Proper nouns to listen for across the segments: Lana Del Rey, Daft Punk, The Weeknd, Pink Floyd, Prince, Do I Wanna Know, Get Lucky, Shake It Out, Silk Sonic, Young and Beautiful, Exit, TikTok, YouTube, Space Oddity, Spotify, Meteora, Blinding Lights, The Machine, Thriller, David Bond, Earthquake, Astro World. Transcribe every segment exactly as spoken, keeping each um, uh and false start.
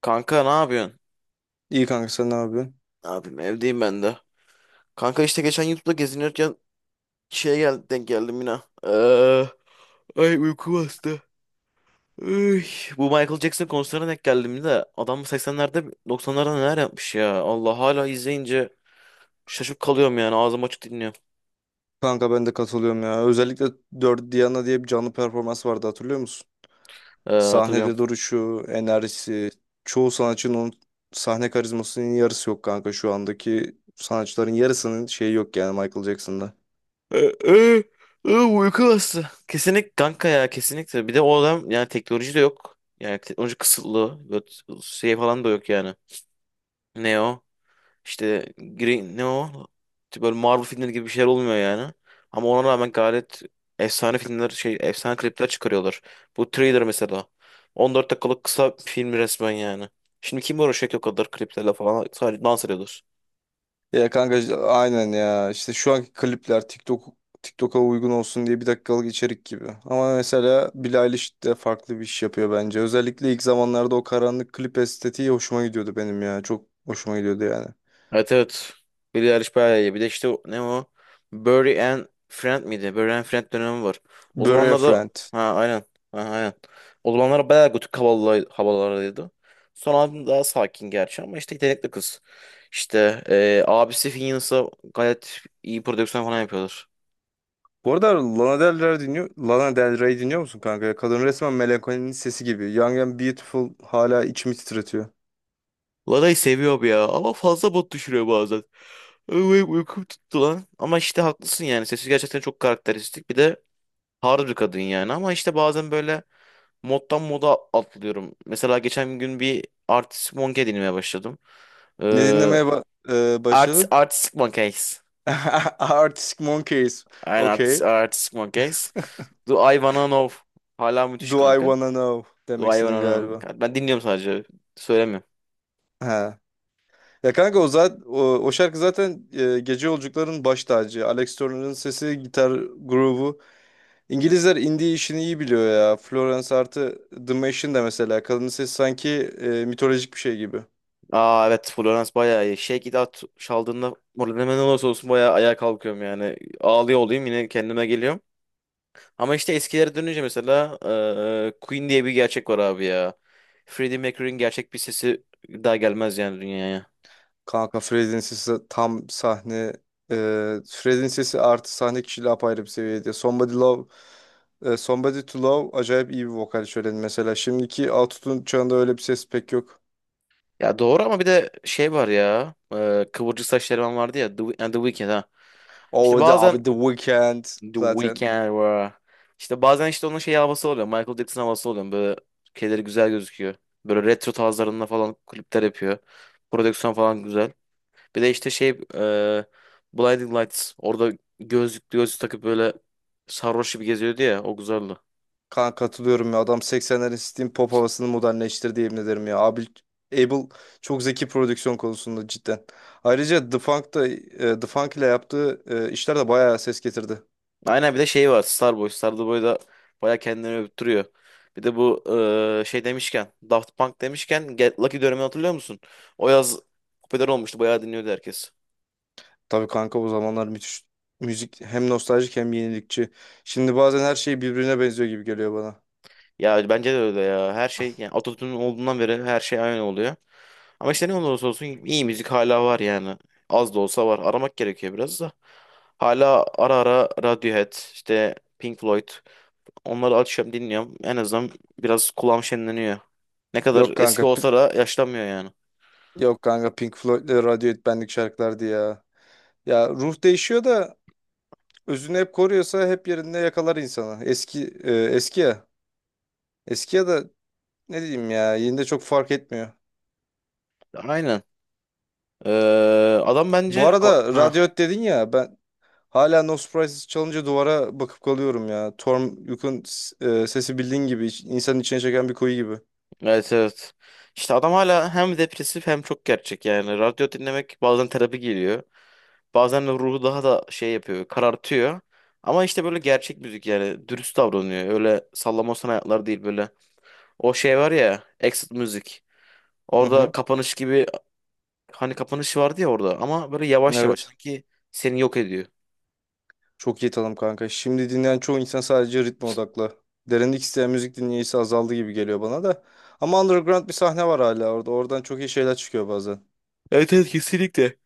Kanka ne yapıyorsun? İyi kanka sen ne yapıyorsun? Ne yapayım evdeyim ben de. Kanka işte geçen YouTube'da gezinirken şeye gel denk geldim yine. Ee, ay uyku bastı. Üy, bu Michael Jackson konserine denk geldim de adam seksenlerde doksanlarda neler yapmış ya. Allah hala izleyince şaşıp kalıyorum yani ağzım açık dinliyorum. Kanka ben de katılıyorum ya. Özellikle dört Diana diye bir canlı performans vardı hatırlıyor musun? Ee, hatırlıyorum. Sahnede duruşu, enerjisi, çoğu sanatçının onun sahne karizmasının yarısı yok kanka, şu andaki sanatçıların yarısının şeyi yok yani Michael Jackson'da. Ee, ee, ee, uyku bastı. Kesinlik kanka ya kesinlikle. Bir de o adam yani teknoloji de yok. Yani teknoloji kısıtlı. Böyle şey falan da yok yani. Ne o? İşte Green ne o? İşte böyle Marvel filmleri gibi bir şeyler olmuyor yani. Ama ona rağmen gayet efsane filmler şey efsane klipler çıkarıyorlar. Bu Thriller mesela. On dört dakikalık kısa film resmen yani. Şimdi kim uğraşacak o kadar kliplerle falan sadece dans ediyorlar. Ya kanka işte aynen ya. İşte şu anki klipler TikTok TikTok'a uygun olsun diye bir dakikalık içerik gibi. Ama mesela Billie Eilish de farklı bir iş yapıyor bence. Özellikle ilk zamanlarda o karanlık klip estetiği hoşuma gidiyordu benim ya. Çok hoşuma gidiyordu yani. Evet, evet. Billie Eilish bayağı iyi. Bir de işte o- ne o? Burry and Friend miydi? Burry and Friend dönemi var. O Bury a zamanlarda, Friend. ha, aynen. Ha, aynen. O zamanlar bayağı gotik havalı, havalardaydı. Son albüm daha sakin gerçi ama işte yetenekli kız. İşte eee abisi Finneas'a gayet iyi prodüksiyon falan yapıyorlar. Bu arada Lana Del Rey dinliyor, Lana Del Rey dinliyor musun kanka? Kadın resmen melankolinin sesi gibi. Young and Beautiful hala içimi titretiyor. Lara'yı seviyorum ya ama fazla bot düşürüyor bazen. Ay, uykum tuttu lan. Ama işte haklısın yani. Sesi gerçekten çok karakteristik. Bir de hard bir kadın yani. Ama işte bazen böyle moddan moda atlıyorum. Mesela geçen gün bir artist monkey dinlemeye başladım. Ne Ee, dinlemeye ba e, artist, başladın? artistic monkeys. Arctic Monkeys. Aynen artist, Okay. artistic monkeys. Do I Wanna Know. Hala müthiş Do I kanka. Wanna Know demek Do I istedin Wanna galiba. Know. Ben dinliyorum sadece. Söylemiyorum. Ha. Ya kanka o, zaten, o, o şarkı zaten e, gece yolcuların baş tacı. Alex Turner'ın sesi, gitar grubu. İngilizler indie işini iyi biliyor ya. Florence artı The Machine de mesela. Kadının sesi sanki e, mitolojik bir şey gibi. Aa, evet, Florence bayağı iyi. Shake It Out çaldığında moralim ne olursa olsun bayağı ayağa kalkıyorum yani. Ağlıyor olayım yine kendime geliyorum. Ama işte eskilere dönünce mesela eee, Queen diye bir gerçek var abi ya. Freddie Mercury'nin gerçek bir sesi daha gelmez yani dünyaya. Kanka Fred'in sesi tam sahne e, Fred'in sesi artı sahne kişiliği apayrı bir seviyede. Somebody Love e, Somebody to Love acayip iyi bir vokal şöleni mesela. Şimdiki autotune çağında öyle bir ses pek yok. Ya doğru ama bir de şey var ya. eee, kıvırcık saç eleman vardı ya. The, Wee- The Weeknd ha. İşte O the abi bazen The Weeknd The zaten. Weeknd var. İşte bazen işte onun şey havası oluyor. Michael Jackson havası oluyor. Böyle şeyleri güzel gözüküyor. Böyle retro tarzlarında falan klipler yapıyor. Prodüksiyon falan güzel. Bir de işte şey e, Blinding Lights. Orada gözlük gözlük takıp böyle sarhoş gibi geziyordu ya. O güzeldi. Kanka, katılıyorum ya. Adam seksenlerin Steam Pop havasını modernleştirdi yemin ederim ya. Abi, Abel çok zeki prodüksiyon konusunda cidden. Ayrıca The Funk da e, The Funk ile yaptığı e, işler de bayağı ses getirdi. Aynen, bir de şey var. Starboy. Starboy da baya kendini övüttürüyor. Bir de bu e, şey demişken Daft Punk demişken Get Lucky dönemini hatırlıyor musun? O yaz popüler olmuştu. Bayağı dinliyordu herkes. Tabii kanka, o zamanlar müthiş müzik, hem nostaljik hem yenilikçi. Şimdi bazen her şey birbirine benziyor gibi geliyor bana. Ya bence de öyle ya. Her şey yani Atatürk'ün olduğundan beri her şey aynı oluyor. Ama işte ne olursa olsun iyi müzik hala var yani. Az da olsa var. Aramak gerekiyor biraz da. Hala ara ara Radiohead, işte Pink Floyd. Onları açıyorum dinliyorum. En azından biraz kulağım şenleniyor. Ne kadar Yok eski kanka p- olsa da yaşlanmıyor yani. yok kanka Pink Floyd'le Radiohead benlik şarkılardı ya. Ya ruh değişiyor da özünü hep koruyorsa hep yerinde yakalar insanı. Eski e, eski ya. Eski ya da ne diyeyim ya, yine de çok fark etmiyor. Aynen. Ee, adam Bu bence... A- arada Ha. Radiohead dedin ya, ben hala No Surprises çalınca duvara bakıp kalıyorum ya. Torm Yuk'un s- e, sesi, bildiğin gibi, iç- insanın içine çeken bir kuyu gibi. Evet, evet. İşte adam hala hem depresif hem çok gerçek yani. Radyo dinlemek bazen terapi geliyor. Bazen de ruhu daha da şey yapıyor, karartıyor. Ama işte böyle gerçek müzik yani dürüst davranıyor. Öyle sallamosan hayatlar değil böyle. O şey var ya, Exit müzik. Hı Orada hı. kapanış gibi hani kapanış vardı ya orada ama böyle yavaş yavaş Evet. sanki seni yok ediyor. Çok iyi tanım kanka. Şimdi dinleyen çoğu insan sadece ritme odaklı. Derinlik isteyen müzik dinleyicisi azaldı gibi geliyor bana da. Ama underground bir sahne var hala orada. Oradan çok iyi şeyler çıkıyor bazen. Evet, evet, kesinlikle.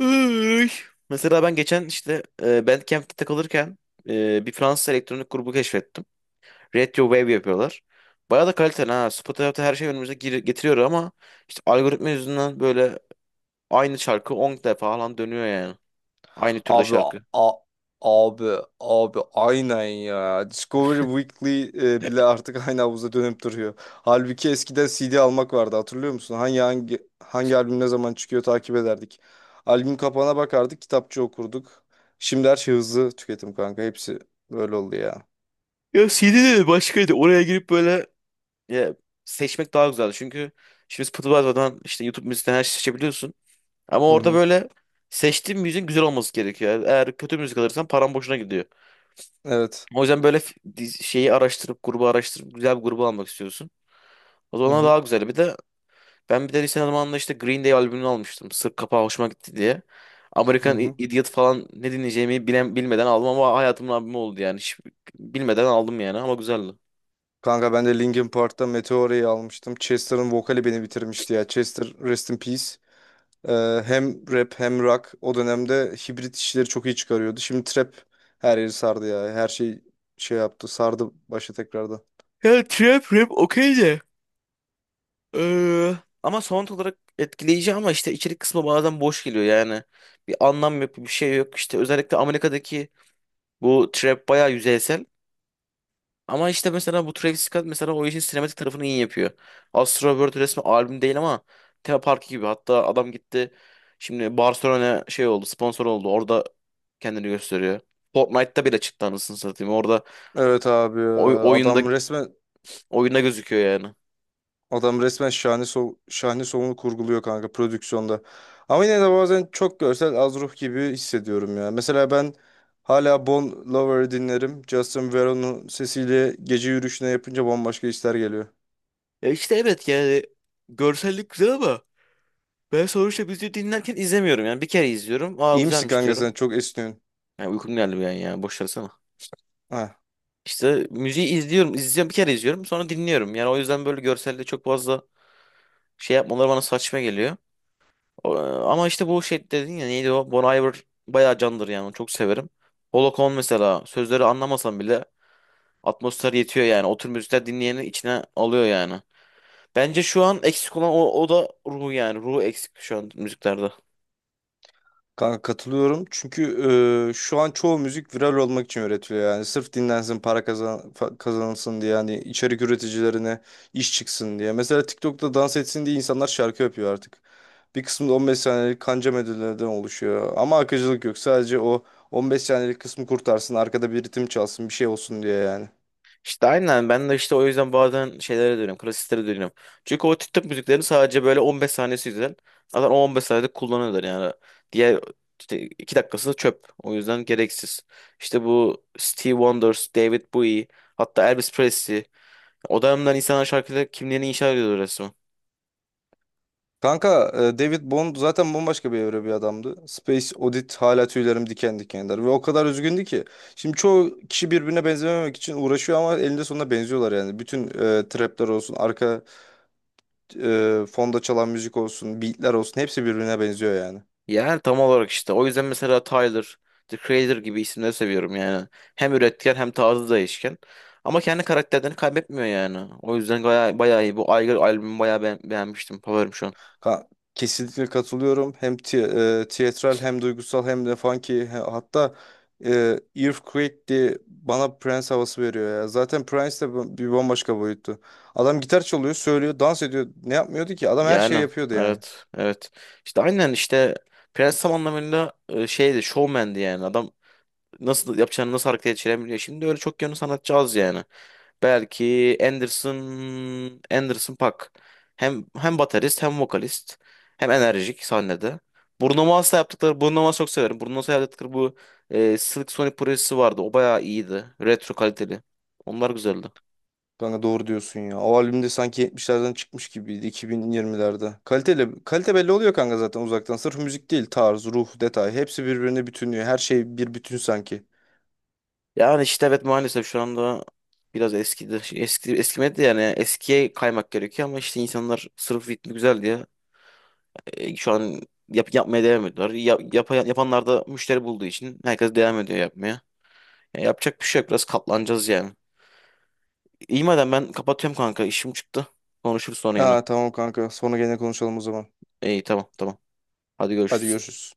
Iy. Mesela ben geçen işte e, Bandcamp'te takılırken e, bir Fransız elektronik grubu keşfettim. Retro Wave yapıyorlar. Bayağı da kaliteli ha. Spotify her şey önümüze gir- getiriyor ama işte algoritma yüzünden böyle aynı şarkı on defa falan dönüyor yani. Aynı türde Abi a- şarkı. abi abi aynen ya. Discovery Weekly e, bile artık aynı havuza dönüp duruyor. Halbuki eskiden C D almak vardı, hatırlıyor musun? Hangi hangi hangi albüm ne zaman çıkıyor takip ederdik. Albüm kapağına bakardık, kitapçı okurduk. Şimdi her şey hızlı tüketim kanka. Hepsi böyle oldu ya. Ya C D de başkaydı. Oraya girip böyle, ya, seçmek daha güzeldi. Çünkü şimdi Spotify'dan işte YouTube müzikten her şeyi seçebiliyorsun. Ama Hı orada hı. böyle seçtiğin müziğin güzel olması gerekiyor. Yani eğer kötü müzik alırsan paran boşuna gidiyor. Evet. O yüzden böyle f- diz- şeyi araştırıp grubu araştırıp güzel bir grubu almak istiyorsun. O Hı zaman hı, daha güzel. Bir de Ben bir de lise zamanında işte Green Day albümünü almıştım. Sırf kapağı hoşuma gitti diye. hı American I- hı. Idiot falan ne dinleyeceğimi bilen, bilmeden aldım ama hayatımın albümü oldu yani. Hiç bilmeden aldım yani ama güzeldi. Kanka ben de Linkin Park'ta Meteora'yı almıştım. Chester'ın vokali beni bitirmişti ya. Chester rest in peace. Ee, hem rap hem rock o dönemde hibrit işleri çok iyi çıkarıyordu. Şimdi trap her yeri sardı ya. Her şey şey yaptı sardı başı tekrardan. Ya trap rap okey de. Ee, ama sound olarak etkileyici ama işte içerik kısmı bazen boş geliyor yani. Bir anlam yok bir şey yok. İşte özellikle Amerika'daki bu trap bayağı yüzeysel. Ama işte mesela bu Travis Scott mesela o işin sinematik tarafını iyi yapıyor. Astro World resmi albüm değil ama tema parkı gibi. Hatta adam gitti şimdi Barcelona şey oldu sponsor oldu. Orada kendini gösteriyor. Fortnite'ta bile çıktı anasını satayım. Orada Evet abi ya. oy- oyunda adam resmen oyunda gözüküyor yani. Adam resmen şahane so şahane sonunu kurguluyor kanka, prodüksiyonda. Ama yine de bazen çok görsel az ruh gibi hissediyorum ya. Mesela ben hala Bon Lover'ı dinlerim. Justin Veron'un sesiyle gece yürüyüşüne yapınca bambaşka hisler geliyor. Ya işte evet yani görsellik güzel ama ben sonuçta müziği dinlerken izlemiyorum. Yani bir kere izliyorum. Aa, İyi misin güzelmiş kanka sen? diyorum. Çok esniyorsun. Yani uykum geldi bir an yani boş versene. Ha. İşte müziği izliyorum, izliyorum bir kere izliyorum sonra dinliyorum. Yani o yüzden böyle görselde çok fazla şey yapmaları bana saçma geliyor. O- e, Ama işte bu şey dedin ya neydi o? Bon Iver bayağı candır yani onu çok severim. Pola mesela sözleri anlamasam bile atmosfer yetiyor yani. O tür müzikler dinleyeni içine alıyor yani. Bence şu an eksik olan o, o da ruhu yani. Ruhu eksik şu an müziklerde. Kanka katılıyorum. Çünkü e, şu an çoğu müzik viral olmak için üretiliyor yani. Sırf dinlensin, para kazan fa- kazanılsın diye yani, içerik üreticilerine iş çıksın diye. Mesela TikTok'ta dans etsin diye insanlar şarkı yapıyor artık. Bir kısmı da on beş saniyelik kanca melodilerden oluşuyor. Ama akıcılık yok. Sadece o on beş saniyelik kısmı kurtarsın, arkada bir ritim çalsın, bir şey olsun diye yani. İşte aynen ben de işte o yüzden bazen şeylere dönüyorum. Klasiklere dönüyorum. Çünkü o TikTok müziklerini sadece böyle on beş saniyesi güzel. Zaten o on beş saniyede kullanıyorlar yani. Diğer işte iki dakikası da çöp. O yüzden gereksiz. İşte bu Stevie Wonder, David Bowie, hatta Elvis Presley. O dönemden insanlar şarkıda kimliğini inşa ediyordu resmen. Kanka e, David Bond zaten bambaşka bir evre, bir adamdı. Space Oddity hala tüylerim diken diken eder. Ve o kadar üzgündü ki. Şimdi çoğu kişi birbirine benzememek için uğraşıyor ama elinde sonunda benziyorlar yani. Bütün e, trapler olsun, arka e, fonda çalan müzik olsun, beatler olsun, hepsi birbirine benziyor yani. Yani tam olarak işte. O yüzden mesela Tyler, The Creator gibi isimleri seviyorum yani. Hem üretken hem tarzı değişken. Ama kendi karakterlerini kaybetmiyor yani. O yüzden bayağı, bayağı iyi. Bu Aygır albümü bayağı beğen- beğenmiştim. Favorim şu an. Ha, kesinlikle katılıyorum. Hem ti- e, tiyatral, hem duygusal, hem de funky. He- Hatta e, Earthquake diye bana Prince havası veriyor ya. Zaten Prince de bu- bir bambaşka boyuttu. Adam gitar çalıyor, söylüyor, dans ediyor. Ne yapmıyordu ki? Adam her şeyi Yani, yapıyordu yani. evet, evet. İşte aynen işte Prens tam anlamıyla e, şeydi showman'di yani. Adam nasıl yapacağını nasıl harekete geçirebiliyor. Şimdi öyle çok yönlü sanatçı az yani. Belki Anderson Anderson Paak. Hem hem baterist hem vokalist hem enerjik sahnede. Bruno Mars'la yaptıkları Bruno Mars'ı çok severim. Bruno Mars'la yaptıkları bu e, Silk Sonic projesi vardı. O bayağı iyiydi. Retro kaliteli. Onlar güzeldi. Kanka doğru diyorsun ya. O albümde sanki yetmişlerden çıkmış gibiydi iki bin yirmilerde. Kaliteli, kalite belli oluyor kanka zaten uzaktan. Sırf müzik değil; tarz, ruh, detay. Hepsi birbirine bütünlüyor. Her şey bir bütün sanki. Yani işte evet maalesef şu anda biraz eskidi. Şey, Eski eskimedi de yani eskiye kaymak gerekiyor ama işte insanlar sırf ritmi güzel diye e, şu an yap, yapmaya devam ediyorlar. Yap, yapa- yapanlar da müşteri bulduğu için herkes devam ediyor yapmaya. Ya yapacak bir şey yok. Biraz katlanacağız yani. İyi madem ben kapatıyorum kanka. İşim çıktı. Konuşuruz sonra yine. Ha, tamam kanka. Sonra gene konuşalım o zaman. İyi, tamam, tamam. Hadi Hadi görüşürüz. görüşürüz.